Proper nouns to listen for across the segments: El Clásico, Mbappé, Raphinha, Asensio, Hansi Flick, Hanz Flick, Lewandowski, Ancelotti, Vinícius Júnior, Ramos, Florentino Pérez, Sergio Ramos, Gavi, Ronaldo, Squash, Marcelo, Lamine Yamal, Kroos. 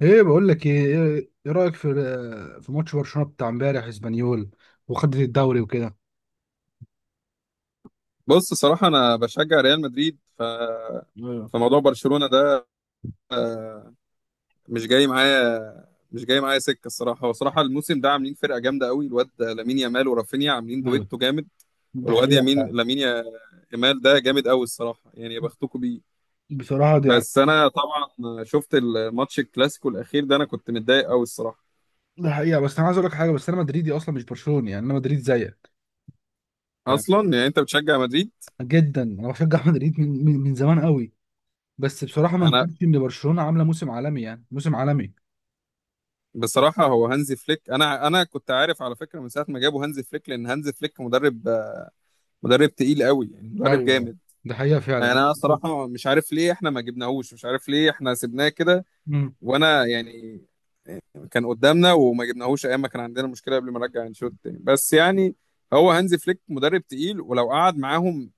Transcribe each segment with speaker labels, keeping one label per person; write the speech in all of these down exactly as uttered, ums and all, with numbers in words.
Speaker 1: ايه بقول لك ايه ايه إيه رايك في آه، في ماتش برشلونه بتاع امبارح اسبانيول وخدت الدوري وكده.
Speaker 2: بص، صراحة أنا بشجع ريال مدريد، ف
Speaker 1: ايوه
Speaker 2: فموضوع برشلونة ده، آه، مش جاي معايا مش جاي معايا سكة الصراحة. هو صراحة الموسم ده عاملين فرقة جامدة قوي. الواد لامين يامال ورافينيا عاملين
Speaker 1: ايوه،
Speaker 2: دويتو جامد.
Speaker 1: ده
Speaker 2: والواد
Speaker 1: حقيقة
Speaker 2: يمين
Speaker 1: فعلا.
Speaker 2: لامين يا- يامال ده جامد قوي الصراحة، يعني يا بختكوا بيه.
Speaker 1: بصراحة دي ح-
Speaker 2: بس أنا طبعا شفت الماتش الكلاسيكو الأخير ده، أنا كنت متضايق قوي الصراحة.
Speaker 1: ده حقيقة، بس أنا عايز أقول لك حاجة. بس أنا مدريدي أصلا، مش برشلوني، يعني أنا مدريد زيك. ف-
Speaker 2: أصلا يعني أنت بتشجع مدريد.
Speaker 1: جدا أنا بشجع مدريد من من, من زمان قوي. بس بصراحة ما
Speaker 2: أنا
Speaker 1: نكونش إن برشلونة عاملة موسم عالمي، يعني موسم عالمي.
Speaker 2: بصراحة هو هانزي فليك، أنا أنا كنت عارف على فكرة من ساعة ما جابوا هانزي فليك، لأن هانزي فليك مدرب مدرب تقيل قوي، يعني مدرب
Speaker 1: أيوه
Speaker 2: جامد.
Speaker 1: ده حقيقة
Speaker 2: يعني
Speaker 1: فعلا.
Speaker 2: انا صراحه مش عارف ليه احنا ما جبناهوش، مش عارف ليه احنا سيبناه كده.
Speaker 1: مم.
Speaker 2: وانا يعني كان قدامنا وما جبناهوش ايام ما كان عندنا مشكله قبل ما نرجع انشيلوتي تاني، بس يعني هو هانزي فليك مدرب تقيل، ولو قعد معاهم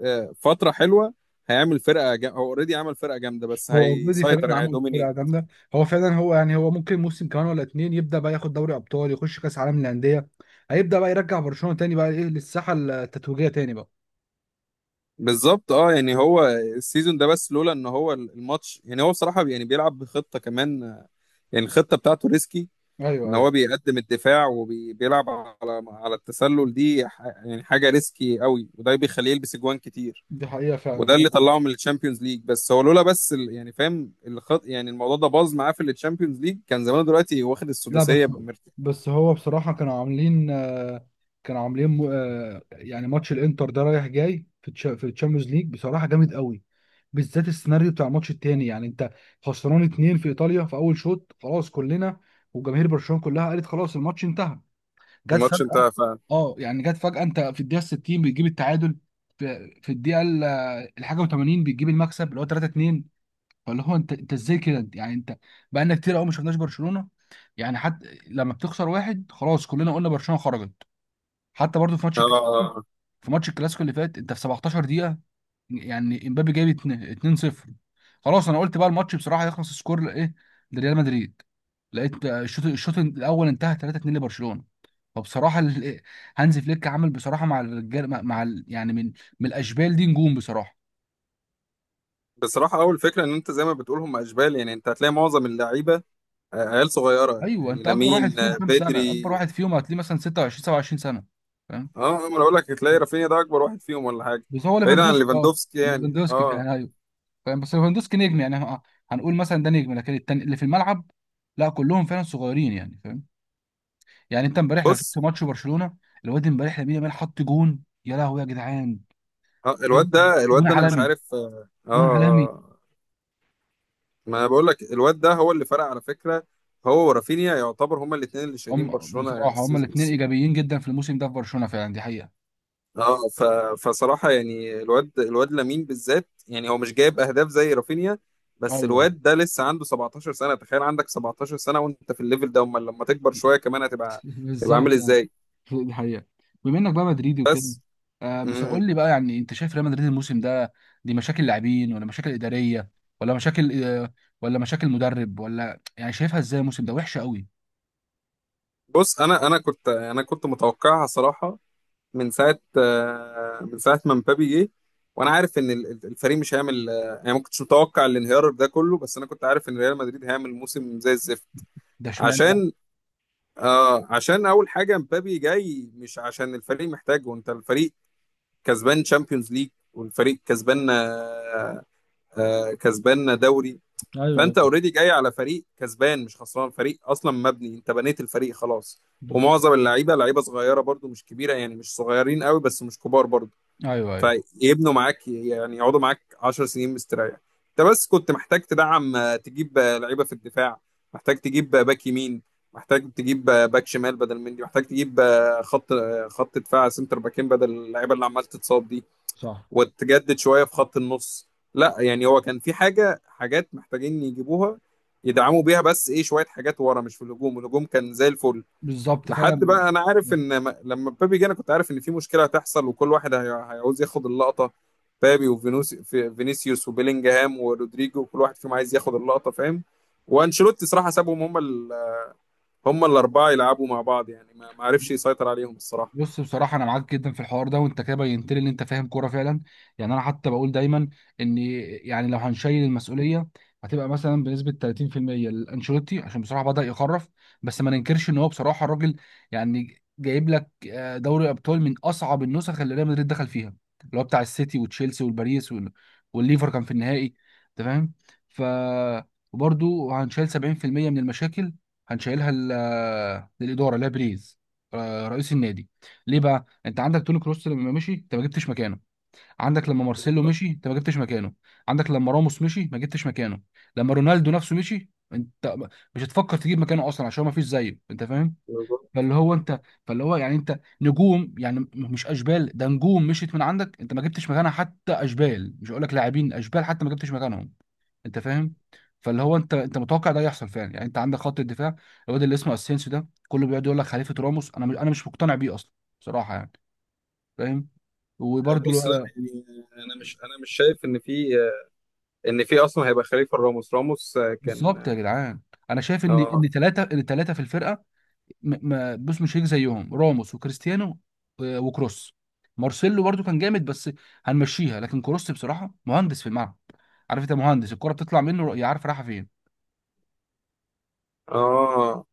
Speaker 2: آه، فتره حلوه هيعمل فرقه جا... هو اوريدي عمل فرقه جامده، بس
Speaker 1: هو اوريدي فعلا
Speaker 2: هيسيطر يعني
Speaker 1: عمل
Speaker 2: هيدومينيت.
Speaker 1: فرقه جامده، هو فعلا، هو يعني هو ممكن موسم كمان ولا اتنين يبدا بقى ياخد دوري ابطال، يخش كاس عالم للانديه. هيبدا بقى يرجع برشلونه تاني بقى ايه، للساحه التتويجيه تاني بقى.
Speaker 2: بالظبط اه، يعني هو السيزون ده، بس لولا ان هو الماتش يعني، هو بصراحه يعني بيلعب بخطه كمان، آه، يعني الخطه بتاعته ريسكي،
Speaker 1: ايوه
Speaker 2: ان
Speaker 1: ايوه،
Speaker 2: هو بيقدم الدفاع وبيلعب على على التسلل. دي ح- يعني حاجه ريسكي قوي، وده بيخليه يلبس اجوان كتير،
Speaker 1: دي حقيقه فعلا.
Speaker 2: وده اللي
Speaker 1: هو
Speaker 2: طلعه من الشامبيونز ليج. بس هو لولا بس ال- يعني فاهم الخط، يعني الموضوع ده باظ معاه في الشامبيونز ليج، كان زمانه دلوقتي واخد
Speaker 1: لا.
Speaker 2: السداسيه
Speaker 1: بس
Speaker 2: بمرتاح.
Speaker 1: بس هو بصراحه كانوا عاملين آه، كانوا عاملين م- آه، يعني ماتش الانتر ده رايح جاي في تش- في الشامبيونز ليج بصراحه جامد قوي. بالذات السيناريو بتاع الماتش التاني، يعني انت خسران اتنين في ايطاليا في اول شوط، خلاص كلنا. وجماهير برشلونه كلها قالت خلاص الماتش انتهى. جت
Speaker 2: الماتش
Speaker 1: فجأة.
Speaker 2: انتهى فعلا.
Speaker 1: اه يعني جت فجأة، انت في الدقيقة ستين بتجيب التعادل. في في الدقيقة ال- الحاجة وتمانين بتجيب المكسب اللي هو تلاته اتنين. فاللي هو انت، انت ازاي كده انت- يعني انت بقالنا كتير قوي ما شفناش برشلونة. يعني حتى لما بتخسر واحد خلاص كلنا قلنا برشلونة خرجت. حتى برضو في ماتش الك-
Speaker 2: آه،
Speaker 1: في ماتش الكلاسيكو اللي فات، انت في سبعة عشر دقيقة يعني امبابي جايب اتنين- 2-0. خلاص انا قلت بقى الماتش بصراحه هيخلص سكور ايه لريال مدريد. لقيت الشوط الشوط الاول انتهى ثلاثة اثنين لبرشلونه. فبصراحه ال- هانز فليك عامل بصراحه مع الرجال، مع مع ال- يعني من من الاشبال دي نجوم بصراحه.
Speaker 2: بصراحه اول فكره ان انت زي ما بتقول هم اشبال، يعني انت هتلاقي معظم اللعيبه آه، عيال صغيره،
Speaker 1: ايوه.
Speaker 2: يعني
Speaker 1: انت اكبر واحد
Speaker 2: لامين
Speaker 1: فيهم
Speaker 2: آه،
Speaker 1: كام سنه؟
Speaker 2: بدري.
Speaker 1: اكبر واحد فيهم هتلاقيه مثلا ستة وعشرين سبعة وعشرين سنه، فاهم.
Speaker 2: اه، ما انا بقول لك هتلاقي رافينيا ده اكبر واحد فيهم ولا حاجه.
Speaker 1: بس هو
Speaker 2: بعيدا عن
Speaker 1: ليفاندوسكي اه،
Speaker 2: ليفاندوفسكي يعني
Speaker 1: ليفاندوسكي
Speaker 2: اه.
Speaker 1: يعني ايوه. فاهم. بس ليفاندوسكي نجم، يعني ه- هنقول مثلا ده نجم، لكن التاني اللي في الملعب، لا، كلهم فعلا صغيرين يعني، فاهم. يعني انت امبارح لو شفت
Speaker 2: بص
Speaker 1: ماتش برشلونه، الواد امبارح لامين يامال حط جون، يا لهوي يا جدعان!
Speaker 2: اه،
Speaker 1: بجد،
Speaker 2: الواد ده الواد
Speaker 1: جون
Speaker 2: ده انا مش
Speaker 1: عالمي،
Speaker 2: عارف اه اه
Speaker 1: جون عالمي.
Speaker 2: آه، ما انا بقول لك الواد ده هو اللي فرق على فكره. هو ورافينيا يعتبر هما الاثنين اللي شايلين
Speaker 1: هم
Speaker 2: برشلونه
Speaker 1: بصراحه هم
Speaker 2: السيز-
Speaker 1: الاثنين
Speaker 2: السي...
Speaker 1: ايجابيين جدا في الموسم ده في برشلونه فعلا، دي حقيقه.
Speaker 2: اه ف... فصراحه يعني الواد الواد لامين بالذات، يعني هو مش جايب اهداف زي رافينيا. بس
Speaker 1: ايوه
Speaker 2: الواد ده لسه عنده سبعتاشر سنه، تخيل عندك سبعتاشر سنه وانت في الليفل ده. امال لما تكبر شويه كمان هتبقى تبقى
Speaker 1: بالظبط
Speaker 2: عامل
Speaker 1: يعني،
Speaker 2: ازاي.
Speaker 1: دي حقيقه. بما انك بقى مدريدي وكده،
Speaker 2: بس
Speaker 1: آه بس
Speaker 2: مم.
Speaker 1: قول لي بقى، يعني انت شايف ريال مدريد الموسم ده دي مشاكل لاعبين ولا مشاكل اداريه ولا مشاكل آه ولا مشاكل مدرب؟ ولا يعني شايفها ازاي الموسم ده وحشه قوي؟
Speaker 2: بص انا انا كنت انا كنت متوقعها صراحه، من ساعه آه، من ساعه ما مبابي جه، وانا عارف ان ال- ال- الفريق مش هيعمل، آه، يعني ما كنتش متوقع الانهيار ده كله، بس انا كنت عارف ان ريال مدريد هيعمل موسم زي الزفت.
Speaker 1: ده اشمعنى ده؟
Speaker 2: عشان آه عشان اول حاجه مبابي جاي مش عشان الفريق محتاجه. وانت الفريق كسبان تشامبيونز ليج، والفريق كسبان آه آه كسبان دوري.
Speaker 1: ايوه ايوه
Speaker 2: فانت اوريدي جاي على فريق كسبان، مش خسران. فريق اصلا مبني، انت بنيت الفريق خلاص.
Speaker 1: بالظبط.
Speaker 2: ومعظم اللعيبه لعيبه صغيره برضو، مش كبيره، يعني مش صغيرين قوي بس مش كبار برضو،
Speaker 1: ايوه ايوه
Speaker 2: فيبنوا معاك. يعني يقعدوا معاك عشر سنين مستريح. انت بس كنت محتاج تدعم، آه، تجيب آه، لعيبه في الدفاع، محتاج تجيب آه، باك يمين، محتاج تجيب آه، باك شمال بدل مندي، محتاج تجيب آه، خط آه، خط دفاع سنتر باكين بدل اللعيبه اللي عمال تتصاب دي،
Speaker 1: صح.
Speaker 2: وتجدد شويه في خط النص. لا يعني هو كان في حاجه، حاجات محتاجين يجيبوها، يدعموا بيها. بس ايه، شويه حاجات ورا مش في الهجوم، الهجوم كان زي الفل.
Speaker 1: بالظبط
Speaker 2: لحد
Speaker 1: فعلا.
Speaker 2: بقى، انا عارف ان م- لما مبابي جه انا كنت عارف ان في مشكله هتحصل، وكل واحد هي- هيعوز ياخد اللقطه. مبابي وفينوس في- فينيسيوس وبيلينجهام ورودريجو كل واحد فيهم عايز ياخد اللقطه، فاهم. وانشيلوتي صراحه سابهم هم ال... هم الاربعه يلعبوا مع بعض، يعني ما ما عرفش يسيطر عليهم الصراحه.
Speaker 1: بص بصراحة أنا معاك جدا في الحوار ده، وأنت كده بينت لي إن أنت فاهم كورة فعلا. يعني أنا حتى بقول دايما إن، يعني لو هنشيل المسؤولية، هتبقى مثلا بنسبة تلاتين في المية لأنشيلوتي، عشان بصراحة بدأ يخرف. بس ما ننكرش إن هو بصراحة الراجل يعني جايب لك آه، دوري أبطال من أصعب النسخ اللي ريال مدريد دخل فيها، اللي هو بتاع السيتي وتشيلسي والباريس وال- والليفر كان في النهائي، أنت فاهم. ف وبرده هنشيل سبعين في المية من المشاكل، هنشيلها لل- للإدارة، لا بريز، آه، رئيس النادي. ليه بقى انت عندك توني كروس لما مشي انت ما جبتش مكانه؟ عندك لما مارسيلو مشي انت ما جبتش مكانه. عندك لما راموس مشي ما جبتش مكانه. لما رونالدو نفسه مشي انت م- مش هتفكر تجيب مكانه اصلا عشان هو ما فيش زيه، انت فاهم. فاللي هو انت فاللي هو يعني انت نجوم، يعني م- مش اشبال، ده نجوم مشيت من عندك انت ما جبتش مكانها. حتى اشبال، مش هقول لك لاعبين اشبال، حتى ما جبتش مكانهم، انت فاهم. فاللي هو انت انت متوقع ده يحصل فعلا. يعني انت عندك خط الدفاع، الواد اللي اسمه اسينسيو ده كله بيقعد يقول لك خليفه راموس، انا مش انا مش مقتنع بيه اصلا بصراحه يعني، فاهم. وبرده
Speaker 2: بص، لا يعني انا مش انا مش شايف ان في ان في اصلا هيبقى خليفه راموس. راموس
Speaker 1: بالظبط يا
Speaker 2: كان.
Speaker 1: جدعان. انا شايف ان
Speaker 2: اه،
Speaker 1: ان ثلاثه ان ثلاثه في الفرقه م- ما بص مش هيك زيهم راموس وكريستيانو، و- وكروس. مارسيلو برده كان جامد بس هنمشيها، لكن كروس بصراحه مهندس في الملعب، عارف، انت مهندس الكره بتطلع منه يا عارف رايحه فين.
Speaker 2: اه،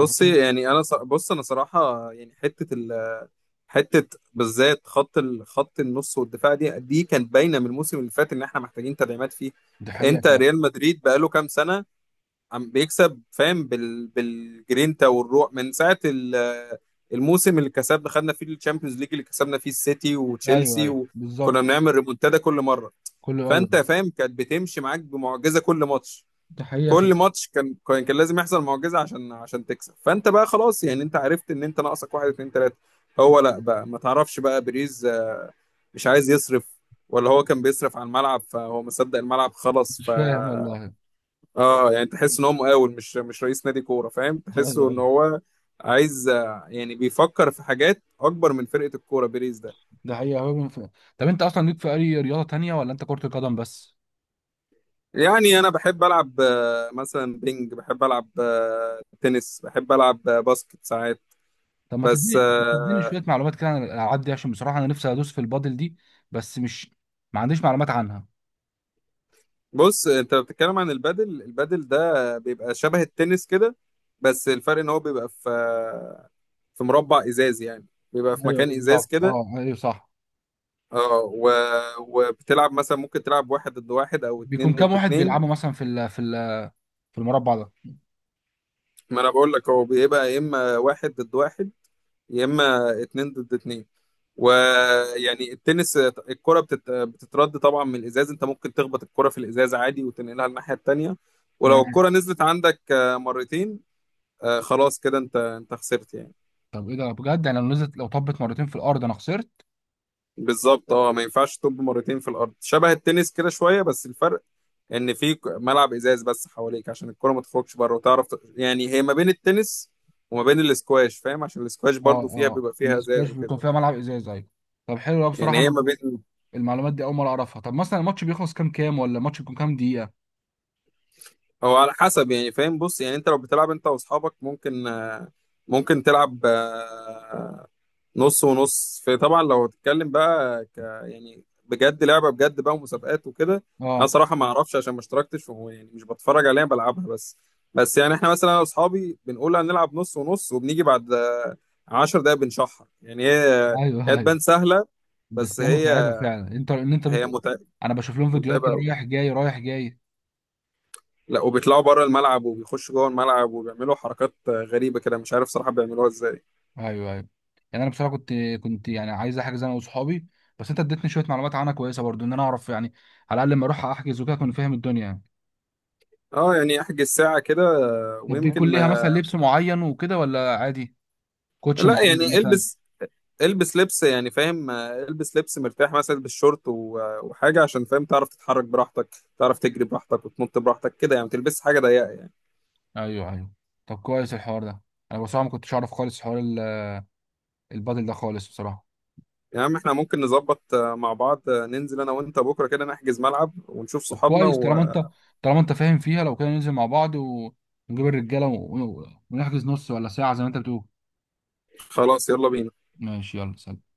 Speaker 1: أنت فاهم؟
Speaker 2: يعني انا ص- بص انا صراحه يعني حته ال حته بالذات خط ال- خط النص والدفاع، دي دي كانت باينه من الموسم اللي فات ان احنا محتاجين تدعيمات فيه.
Speaker 1: دي حقيقه
Speaker 2: انت
Speaker 1: فعلا.
Speaker 2: ريال مدريد بقاله كام سنه عم بيكسب، فاهم. بال بالجرينتا والروح، من ساعه ال- الموسم اللي كسبنا خدنا فيه الشامبيونز ليج، اللي كسبنا فيه السيتي
Speaker 1: ايوه
Speaker 2: وتشيلسي،
Speaker 1: ايوه
Speaker 2: وكنا
Speaker 1: بالظبط،
Speaker 2: بنعمل ريمونتادا كل مره.
Speaker 1: كله ايوه.
Speaker 2: فانت فاهم، كانت بتمشي معاك بمعجزه كل ماتش.
Speaker 1: دي حقيقه
Speaker 2: كل
Speaker 1: فعلا.
Speaker 2: ماتش كان كان كان لازم يحصل معجزه عشان عشان تكسب. فانت بقى خلاص يعني انت عرفت ان انت ناقصك واحد اتنين تلاته. هو لا بقى ما تعرفش بقى، بيريز آه، مش عايز يصرف، ولا هو كان بيصرف على الملعب فهو مصدق الملعب خلص ف
Speaker 1: مش فاهم والله.
Speaker 2: اه، يعني تحس ان هو مقاول، مش مش رئيس نادي كوره، فاهم.
Speaker 1: ايوه
Speaker 2: تحسه ان
Speaker 1: ايوه،
Speaker 2: هو عايز، آه، يعني بيفكر في حاجات اكبر من فرقه الكوره بيريز ده.
Speaker 1: ده حقيقه هو من فاهم. طب انت اصلا ليك في اي رياضه تانية ولا انت كره القدم بس؟
Speaker 2: يعني انا بحب العب آه، مثلا بينج، بحب العب آه، تنس، بحب العب آه، باسكت ساعات.
Speaker 1: طب ما
Speaker 2: بس
Speaker 1: تديني تديني شويه معلومات كده عن الالعاب دي، عشان بصراحه انا نفسي ادوس في البادل دي، بس مش ما عنديش معلومات عنها.
Speaker 2: بص، انت لو بتتكلم عن البادل، البادل ده بيبقى شبه التنس كده، بس الفرق ان هو بيبقى في في مربع ازاز، يعني بيبقى في
Speaker 1: ايوه
Speaker 2: مكان ازاز
Speaker 1: بالظبط،
Speaker 2: كده.
Speaker 1: اه ايوه صح.
Speaker 2: اه و... وبتلعب مثلا، ممكن تلعب واحد ضد واحد او
Speaker 1: بيكون
Speaker 2: اتنين
Speaker 1: كام
Speaker 2: ضد
Speaker 1: واحد
Speaker 2: اتنين.
Speaker 1: بيلعبوا مثلا في ال في ال في المربع ده
Speaker 2: ما انا بقول لك هو بيبقى يا اما واحد ضد واحد، يا اما اتنين ضد اتنين. ويعني التنس الكرة بتت... بتترد طبعا من الازاز، انت ممكن تخبط الكرة في الازاز عادي وتنقلها الناحية التانية. ولو
Speaker 1: يعني؟
Speaker 2: الكرة نزلت عندك آه، مرتين، آه، خلاص كده انت انت خسرت يعني.
Speaker 1: طب ايه ده بجد، يعني لو نزلت، لو طبت مرتين في الارض انا خسرت؟
Speaker 2: بالظبط اه، ما ينفعش تطب مرتين في الارض. شبه التنس كده شويه، بس الفرق ان في ك- ملعب ازاز بس حواليك عشان الكره ما تخرجش بره، وتعرف ت- يعني هي ما بين التنس وما بين الاسكواش، فاهم. عشان الاسكواش
Speaker 1: اه.
Speaker 2: برضو فيها،
Speaker 1: اه
Speaker 2: بيبقى فيها ازاز
Speaker 1: الاسكواش
Speaker 2: وكده،
Speaker 1: بيكون فيها ملعب ازاز، ايوه. طب حلو أوي
Speaker 2: يعني
Speaker 1: بصراحه،
Speaker 2: هي
Speaker 1: مع-
Speaker 2: ما بين.
Speaker 1: المعلومات دي اول مره اعرفها. طب مثلا الماتش بيخلص كام كام ولا الماتش بيكون كام دقيقه؟
Speaker 2: هو على حسب يعني، فاهم، بص يعني انت لو بتلعب انت واصحابك ممكن آه، ممكن تلعب آه، نص ونص. في طبعا، لو تتكلم بقى ك يعني بجد لعبة بجد بقى ومسابقات وكده. انا
Speaker 1: اه
Speaker 2: صراحة ما اعرفش عشان ما اشتركتش و- يعني مش بتفرج عليها، بلعبها بس. بس يعني احنا مثلا انا واصحابي بنقول هنلعب نص ونص، وبنيجي بعد آه، عشر دقايق بنشحر، يعني هي
Speaker 1: ايوه
Speaker 2: هي
Speaker 1: ايوه.
Speaker 2: تبان سهلة. بس
Speaker 1: بس هي متعبه
Speaker 2: هي
Speaker 1: فعلا. انت ان انت
Speaker 2: هي
Speaker 1: بت...
Speaker 2: متع-
Speaker 1: انا بشوف لهم فيديوهات كده
Speaker 2: متعبة.
Speaker 1: رايح جاي رايح جاي.
Speaker 2: لا وبيطلعوا بره الملعب وبيخشوا جوه الملعب، وبيعملوا حركات غريبة كده مش عارف صراحة بيعملوها ازاي.
Speaker 1: ايوه ايوه. يعني انا بصراحه كنت كنت يعني عايز احجز انا واصحابي، بس انت اديتني شويه معلومات عنها كويسه برضو، ان انا اعرف يعني، على الاقل لما اروح احجز وكده اكون فاهم الدنيا يعني.
Speaker 2: اه يعني احجز ساعة كده
Speaker 1: طب بيكون
Speaker 2: ويمكن.
Speaker 1: ليها مثلا لبس معين وكده ولا عادي؟ كوتش
Speaker 2: لا
Speaker 1: معين
Speaker 2: يعني
Speaker 1: مثلا؟
Speaker 2: البس البس لبس يعني، فاهم. البس لبس مرتاح، مثلا البس شورت و- وحاجة عشان، فاهم، تعرف تتحرك براحتك، تعرف تجري براحتك وتنط براحتك كده. يعني ما تلبس حاجة ضيقة يعني.
Speaker 1: ايوه ايوه. طب كويس الحوار ده، انا بصراحه ما كنتش اعرف خالص حوار ال- البادل ده خالص بصراحه.
Speaker 2: يا عم احنا ممكن نظبط مع بعض، ننزل انا وانت بكرة كده نحجز ملعب ونشوف
Speaker 1: طب
Speaker 2: صحابنا.
Speaker 1: كويس، طالما انت طالما انت فاهم فيها، لو كده ننزل مع بعض و- ونجيب الرجاله و- ونحجز نص ولا ساعه زي ما انت بتقول.
Speaker 2: وخلاص يلا بينا.
Speaker 1: ماشي، يلا سلام.